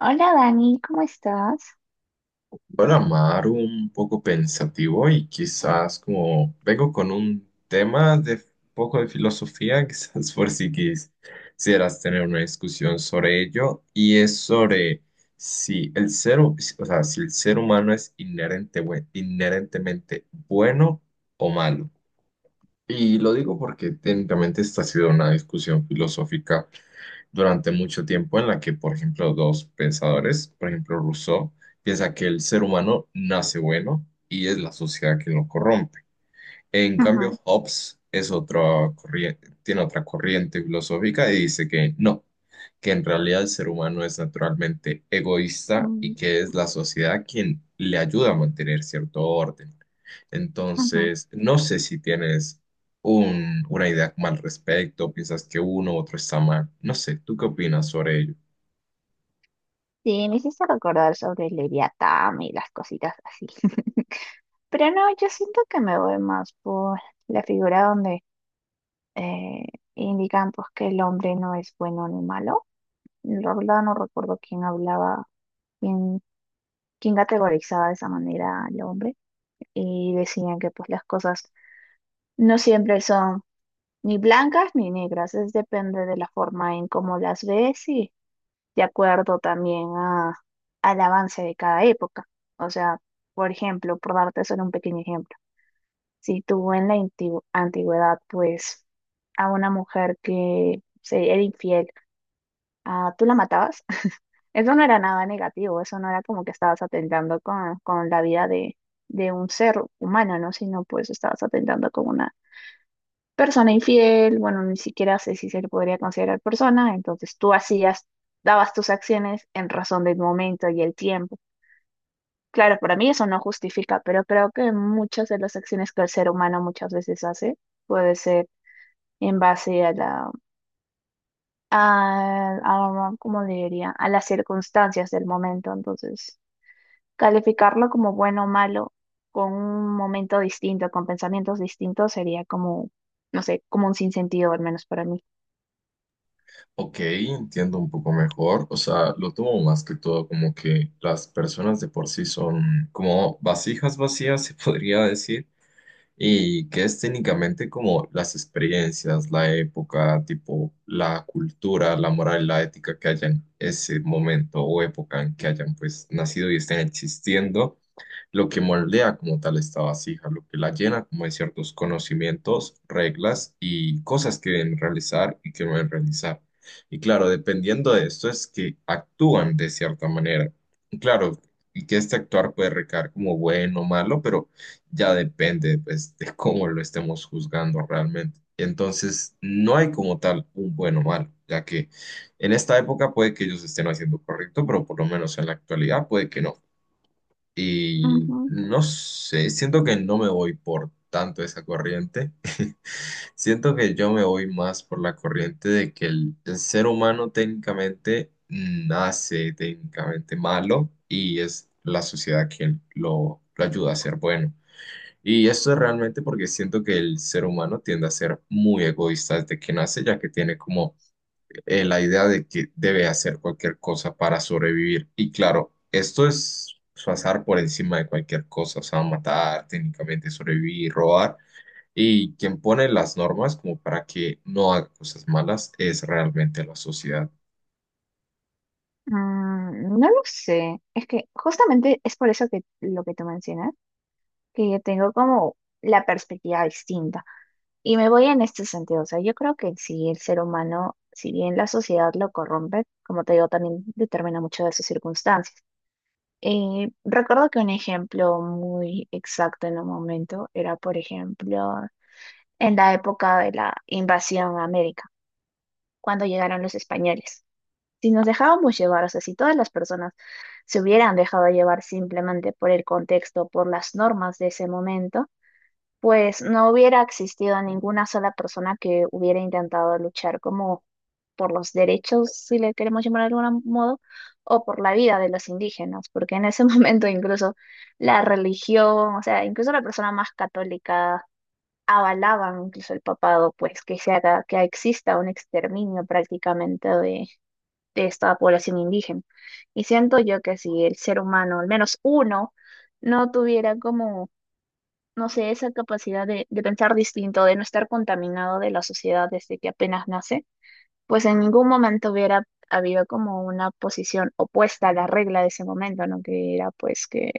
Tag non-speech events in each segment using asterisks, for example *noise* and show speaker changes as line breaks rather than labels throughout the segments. Hola Dani, ¿cómo estás?
Bueno, Amaro, un poco pensativo y quizás como vengo con un tema de poco de filosofía, *laughs* quizás por si quis- quisieras tener una discusión sobre ello, y es sobre si el ser, hu- o sea, si el ser humano es inherentemente bueno o malo. Y lo digo porque técnicamente esta ha sido una discusión filosófica durante mucho tiempo en la que, por ejemplo, dos pensadores, por ejemplo, Rousseau, piensa que el ser humano nace bueno y es la sociedad que lo corrompe. En
Ajá,
cambio, Hobbes es otra corriente, tiene otra corriente filosófica y dice que no, que en realidad el ser humano es naturalmente egoísta
mm,
y que es la sociedad quien le ayuda a mantener cierto orden.
ajá.
Entonces, no sé si tienes una idea mal al respecto, piensas que uno u otro está mal. No sé, ¿tú qué opinas sobre ello?
Sí, me hiciste recordar sobre Leviatán y las cositas así. *laughs* Pero no, yo siento que me voy más por la figura donde eh, indican pues que el hombre no es bueno ni malo. La verdad no recuerdo quién hablaba, quién, quién categorizaba de esa manera al hombre. Y decían que pues las cosas no siempre son ni blancas ni negras, es depende de la forma en cómo las ves de acuerdo también al avance de cada época. O sea, por ejemplo, por darte solo un pequeño ejemplo, si tú en la antigüedad, pues a una mujer que se era infiel, ah, tú la matabas, *laughs* eso no era nada negativo, eso no era como que estabas atentando con la vida de un ser humano, ¿no? Sino pues estabas atentando con una persona infiel, bueno, ni siquiera sé si se le podría considerar persona, entonces tú hacías, dabas tus acciones en razón del momento y el tiempo. Claro, para mí eso no justifica, pero creo que muchas de las acciones que el ser humano muchas veces hace puede ser en base a la, a, ¿cómo le diría? A las circunstancias del momento, entonces calificarlo como bueno o malo con un momento distinto, con pensamientos distintos, sería como, no sé, como un sinsentido, al menos para mí.
Ok, entiendo un poco mejor. O sea, lo tomo más que todo como que las personas de por sí son como vasijas vacías, se *laughs* podría decir, y que es técnicamente como las experiencias, la época, tipo la cultura, la moral, la ética que hayan ese momento o época en que hayan pues nacido y estén existiendo lo que moldea como tal esta vasija, lo que la llena como de ciertos conocimientos, reglas y cosas que deben realizar y que no deben realizar. Y claro, dependiendo de esto es que actúan de cierta manera. Y claro, y que este actuar puede recaer como bueno o malo, pero ya depende pues *laughs* de cómo lo estemos juzgando realmente. Entonces, no hay como tal un bueno o malo, ya que en esta época puede que ellos estén haciendo correcto, pero por lo menos en la actualidad puede que no. Y no sé, siento que no me voy por tanto esa corriente. *laughs* Siento que yo me voy más por la corriente de que el ser humano técnicamente nace técnicamente malo y es la sociedad quien lo ayuda a ser bueno. Y esto es realmente porque siento que el ser humano tiende a ser muy egoísta desde que nace, ya que tiene como la idea de que debe hacer cualquier cosa para sobrevivir. Y claro, esto es pasar por encima de cualquier cosa, o sea, matar, técnicamente sobrevivir, robar. Y quien pone las normas como para que no haga cosas malas es realmente la sociedad.
No lo sé, es que justamente es por eso que lo que tú mencionas, que yo tengo como la perspectiva distinta y me voy en este sentido, o sea, yo creo que si el ser humano, si bien la sociedad lo corrompe, como te digo, también determina mucho de sus circunstancias. Recuerdo que un ejemplo muy exacto en un momento era, por ejemplo, en la época de la invasión a América, cuando llegaron los españoles. Si nos dejábamos llevar, o sea, si todas las personas se hubieran dejado llevar simplemente por el contexto, por las normas de ese momento, pues no hubiera existido ninguna sola persona que hubiera intentado luchar como por los derechos, si le queremos llamar de algún modo, o por la vida de los indígenas, porque en ese *laughs* momento incluso la religión, o sea, incluso la persona más católica avalaban incluso el papado, pues que se haga, que exista un exterminio prácticamente de esta población indígena. Y siento yo que si el ser humano, al menos uno, no tuviera como, no sé, esa capacidad de pensar distinto, de no estar contaminado de la sociedad desde que apenas nace, pues en ningún momento hubiera habido como una posición opuesta a la regla de ese momento, ¿no? Que era pues que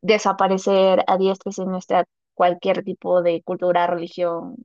desaparecer a diestra y siniestra cualquier tipo de cultura, religión,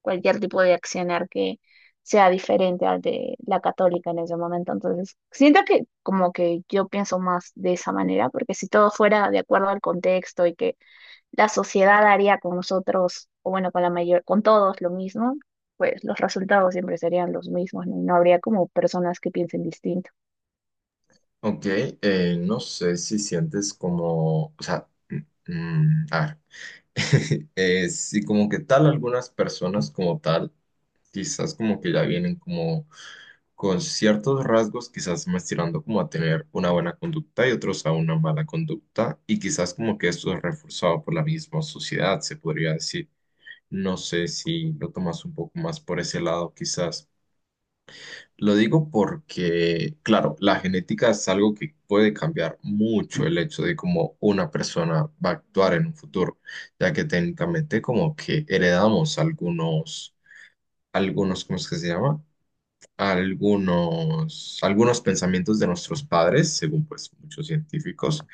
cualquier tipo de accionar que sea diferente al de la católica en ese momento. Entonces, siento que como que yo pienso más de esa manera, porque si todo fuera de acuerdo al contexto y que la sociedad haría con nosotros, o bueno, con la mayor, con todos lo mismo, pues los resultados siempre serían los mismos, ¿no? Y no habría como personas que piensen distinto.
Ok, no sé si sientes como, o sea, a ver, *laughs* si como que tal algunas personas como tal, quizás como que ya vienen como con ciertos rasgos, quizás más tirando como a tener una buena conducta y otros a una mala conducta, y quizás como que esto es reforzado por la misma sociedad, se podría decir. No sé si lo tomas un poco más por ese lado, quizás. Lo digo porque, claro, la genética es algo que puede cambiar mucho el hecho de cómo una persona va a actuar en un futuro, ya que técnicamente como que heredamos algunos, algunos, ¿cómo es que se llama? Algunos pensamientos de nuestros padres, según pues muchos científicos,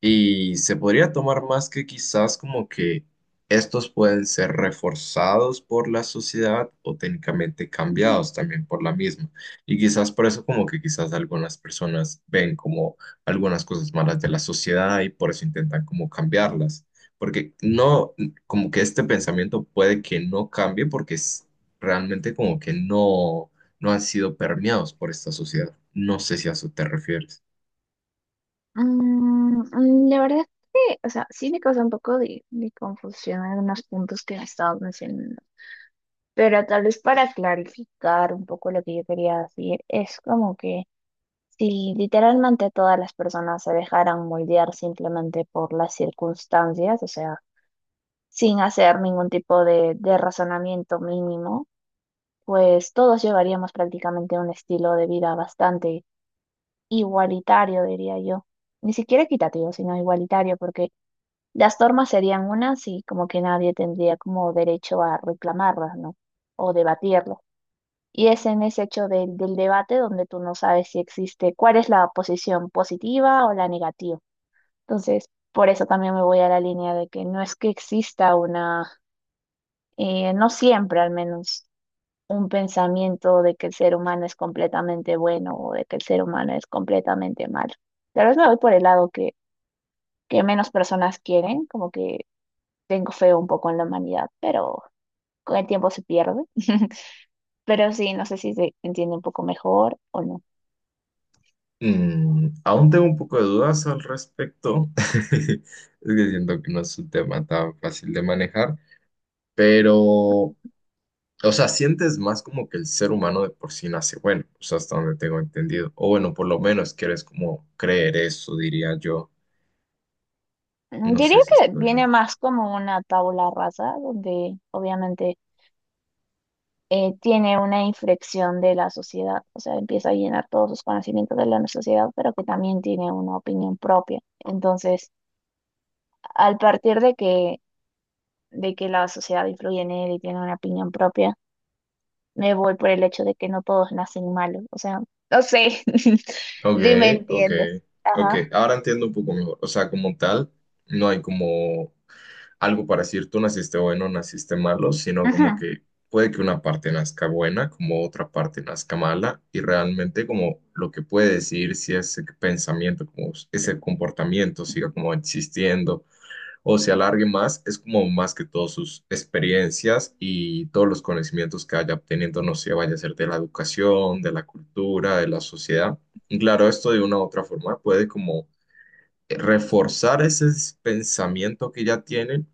y se podría tomar más que quizás como que estos pueden ser reforzados por la sociedad o técnicamente cambiados también por la misma. Y quizás por eso como que quizás algunas personas ven como algunas cosas malas de la sociedad y por eso intentan como cambiarlas. Porque no, como que este pensamiento puede que no cambie porque es realmente como que no han sido permeados por esta sociedad. No sé si a eso te refieres.
La verdad es que, o sea, sí me causa un poco de confusión algunos puntos que me estabas mencionando, pero tal vez para clarificar un poco lo que yo quería decir, es como que si literalmente a todas las personas se dejaran moldear simplemente por las circunstancias, o sea, sin hacer ningún tipo de razonamiento mínimo, pues todos llevaríamos prácticamente un estilo de vida bastante igualitario, diría yo. Ni siquiera equitativo, sino igualitario, porque las normas serían unas y como que nadie tendría como derecho a reclamarlas, ¿no? O debatirlas. Y es en ese hecho del, del debate donde tú no sabes si existe cuál es la posición positiva o la negativa. Entonces, por eso también me voy a la línea de que no es que exista una, no siempre al menos, un pensamiento de que el ser humano es completamente bueno o de que el ser humano es completamente malo. Tal vez me voy por el lado que menos personas quieren, como que tengo fe un poco en la humanidad, pero con el tiempo se pierde. *laughs* Pero sí, no sé si se entiende un poco mejor o no.
Mm, aún tengo un poco de dudas al respecto. *laughs* Es que siento que no es un tema tan fácil de manejar, pero, o sea, sientes más como que el ser humano de por sí nace bueno, o sea, hasta donde tengo entendido. O bueno, por lo menos quieres como creer eso, diría yo. No
Diría
sé si
que viene
estoy.
más como una tabla rasa, donde obviamente tiene una inflexión de la sociedad, o sea, empieza a llenar todos sus conocimientos de la sociedad, pero que también tiene una opinión propia. Entonces, al partir de que, la sociedad influye en él y tiene una opinión propia, me voy por el hecho de que no todos nacen malos. O sea, no sé *laughs*
Ok,
si me
ok,
entiendes.
ok.
Ajá.
Ahora entiendo un poco mejor. O sea, como tal, no hay como algo para decir tú naciste bueno, naciste malo, sino como
Ajá.
que puede que una parte nazca buena, como otra parte nazca mala, y realmente como lo que puede decir si ese pensamiento, como ese comportamiento siga como existiendo o se alargue más, es como más que todas sus experiencias y todos los conocimientos que haya obteniendo, no sé, vaya a ser de la educación, de la cultura, de la sociedad. Y claro, esto de una u otra forma puede como reforzar ese pensamiento que ya tienen,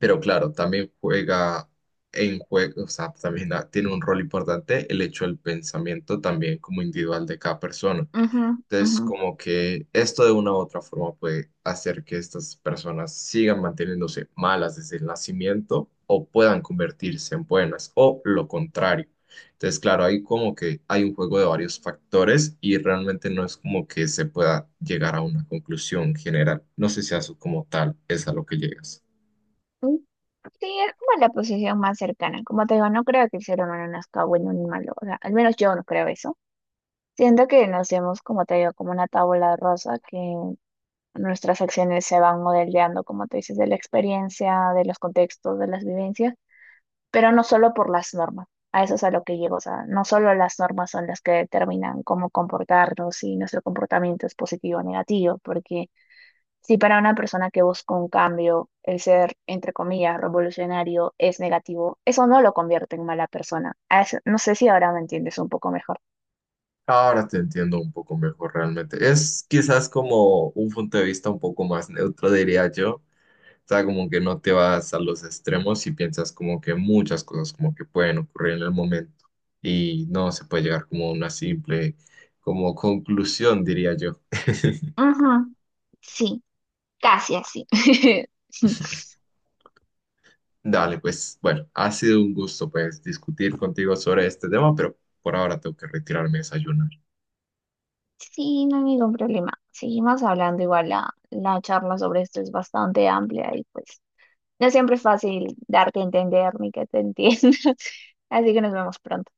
pero claro, también juega en juego, o sea, tiene un rol importante el hecho del pensamiento también como individual de cada persona.
Ajá.
Entonces,
Ajá.
como que esto de una u otra forma puede hacer que estas personas sigan manteniéndose malas desde el nacimiento o puedan convertirse en buenas o lo contrario. Entonces, claro, ahí como que hay un juego de varios factores y realmente no es como que se pueda llegar a una conclusión general. No sé si a eso como tal es a lo que llegas.
Mm, Sí, es como la posición más cercana. Como te digo, no creo que el ser humano nazca bueno ni malo. O sea, al menos yo no creo eso. Siento que nacemos, como te digo, como una tabla rosa que nuestras acciones se van modelando, como te dices, de la experiencia, de los contextos, de las vivencias, pero no solo por las normas. A eso es a lo que llego. O sea, no solo las normas son las que determinan cómo comportarnos, si nuestro comportamiento es positivo o negativo, porque si para una persona que busca un cambio, el ser, entre comillas, revolucionario es negativo, eso no lo convierte en mala persona. No sé si ahora me entiendes un poco mejor.
Ahora te entiendo un poco mejor realmente. Es quizás como un punto de vista un poco más neutro, diría yo. O sea, como que no te vas a los extremos y piensas como que muchas cosas como que pueden ocurrir en el momento y no se puede llegar como a una simple como conclusión, diría yo. *laughs*
Ujú, sí, casi así. *laughs*
Dale, pues bueno, ha sido un gusto pues discutir contigo sobre este tema, pero por ahora tengo que retirarme a desayunar.
Sí, no hay ningún problema. Seguimos hablando. Igual la charla sobre esto es bastante amplia y pues no siempre es fácil darte a entender ni que te entiendan. *laughs* Así que nos vemos pronto.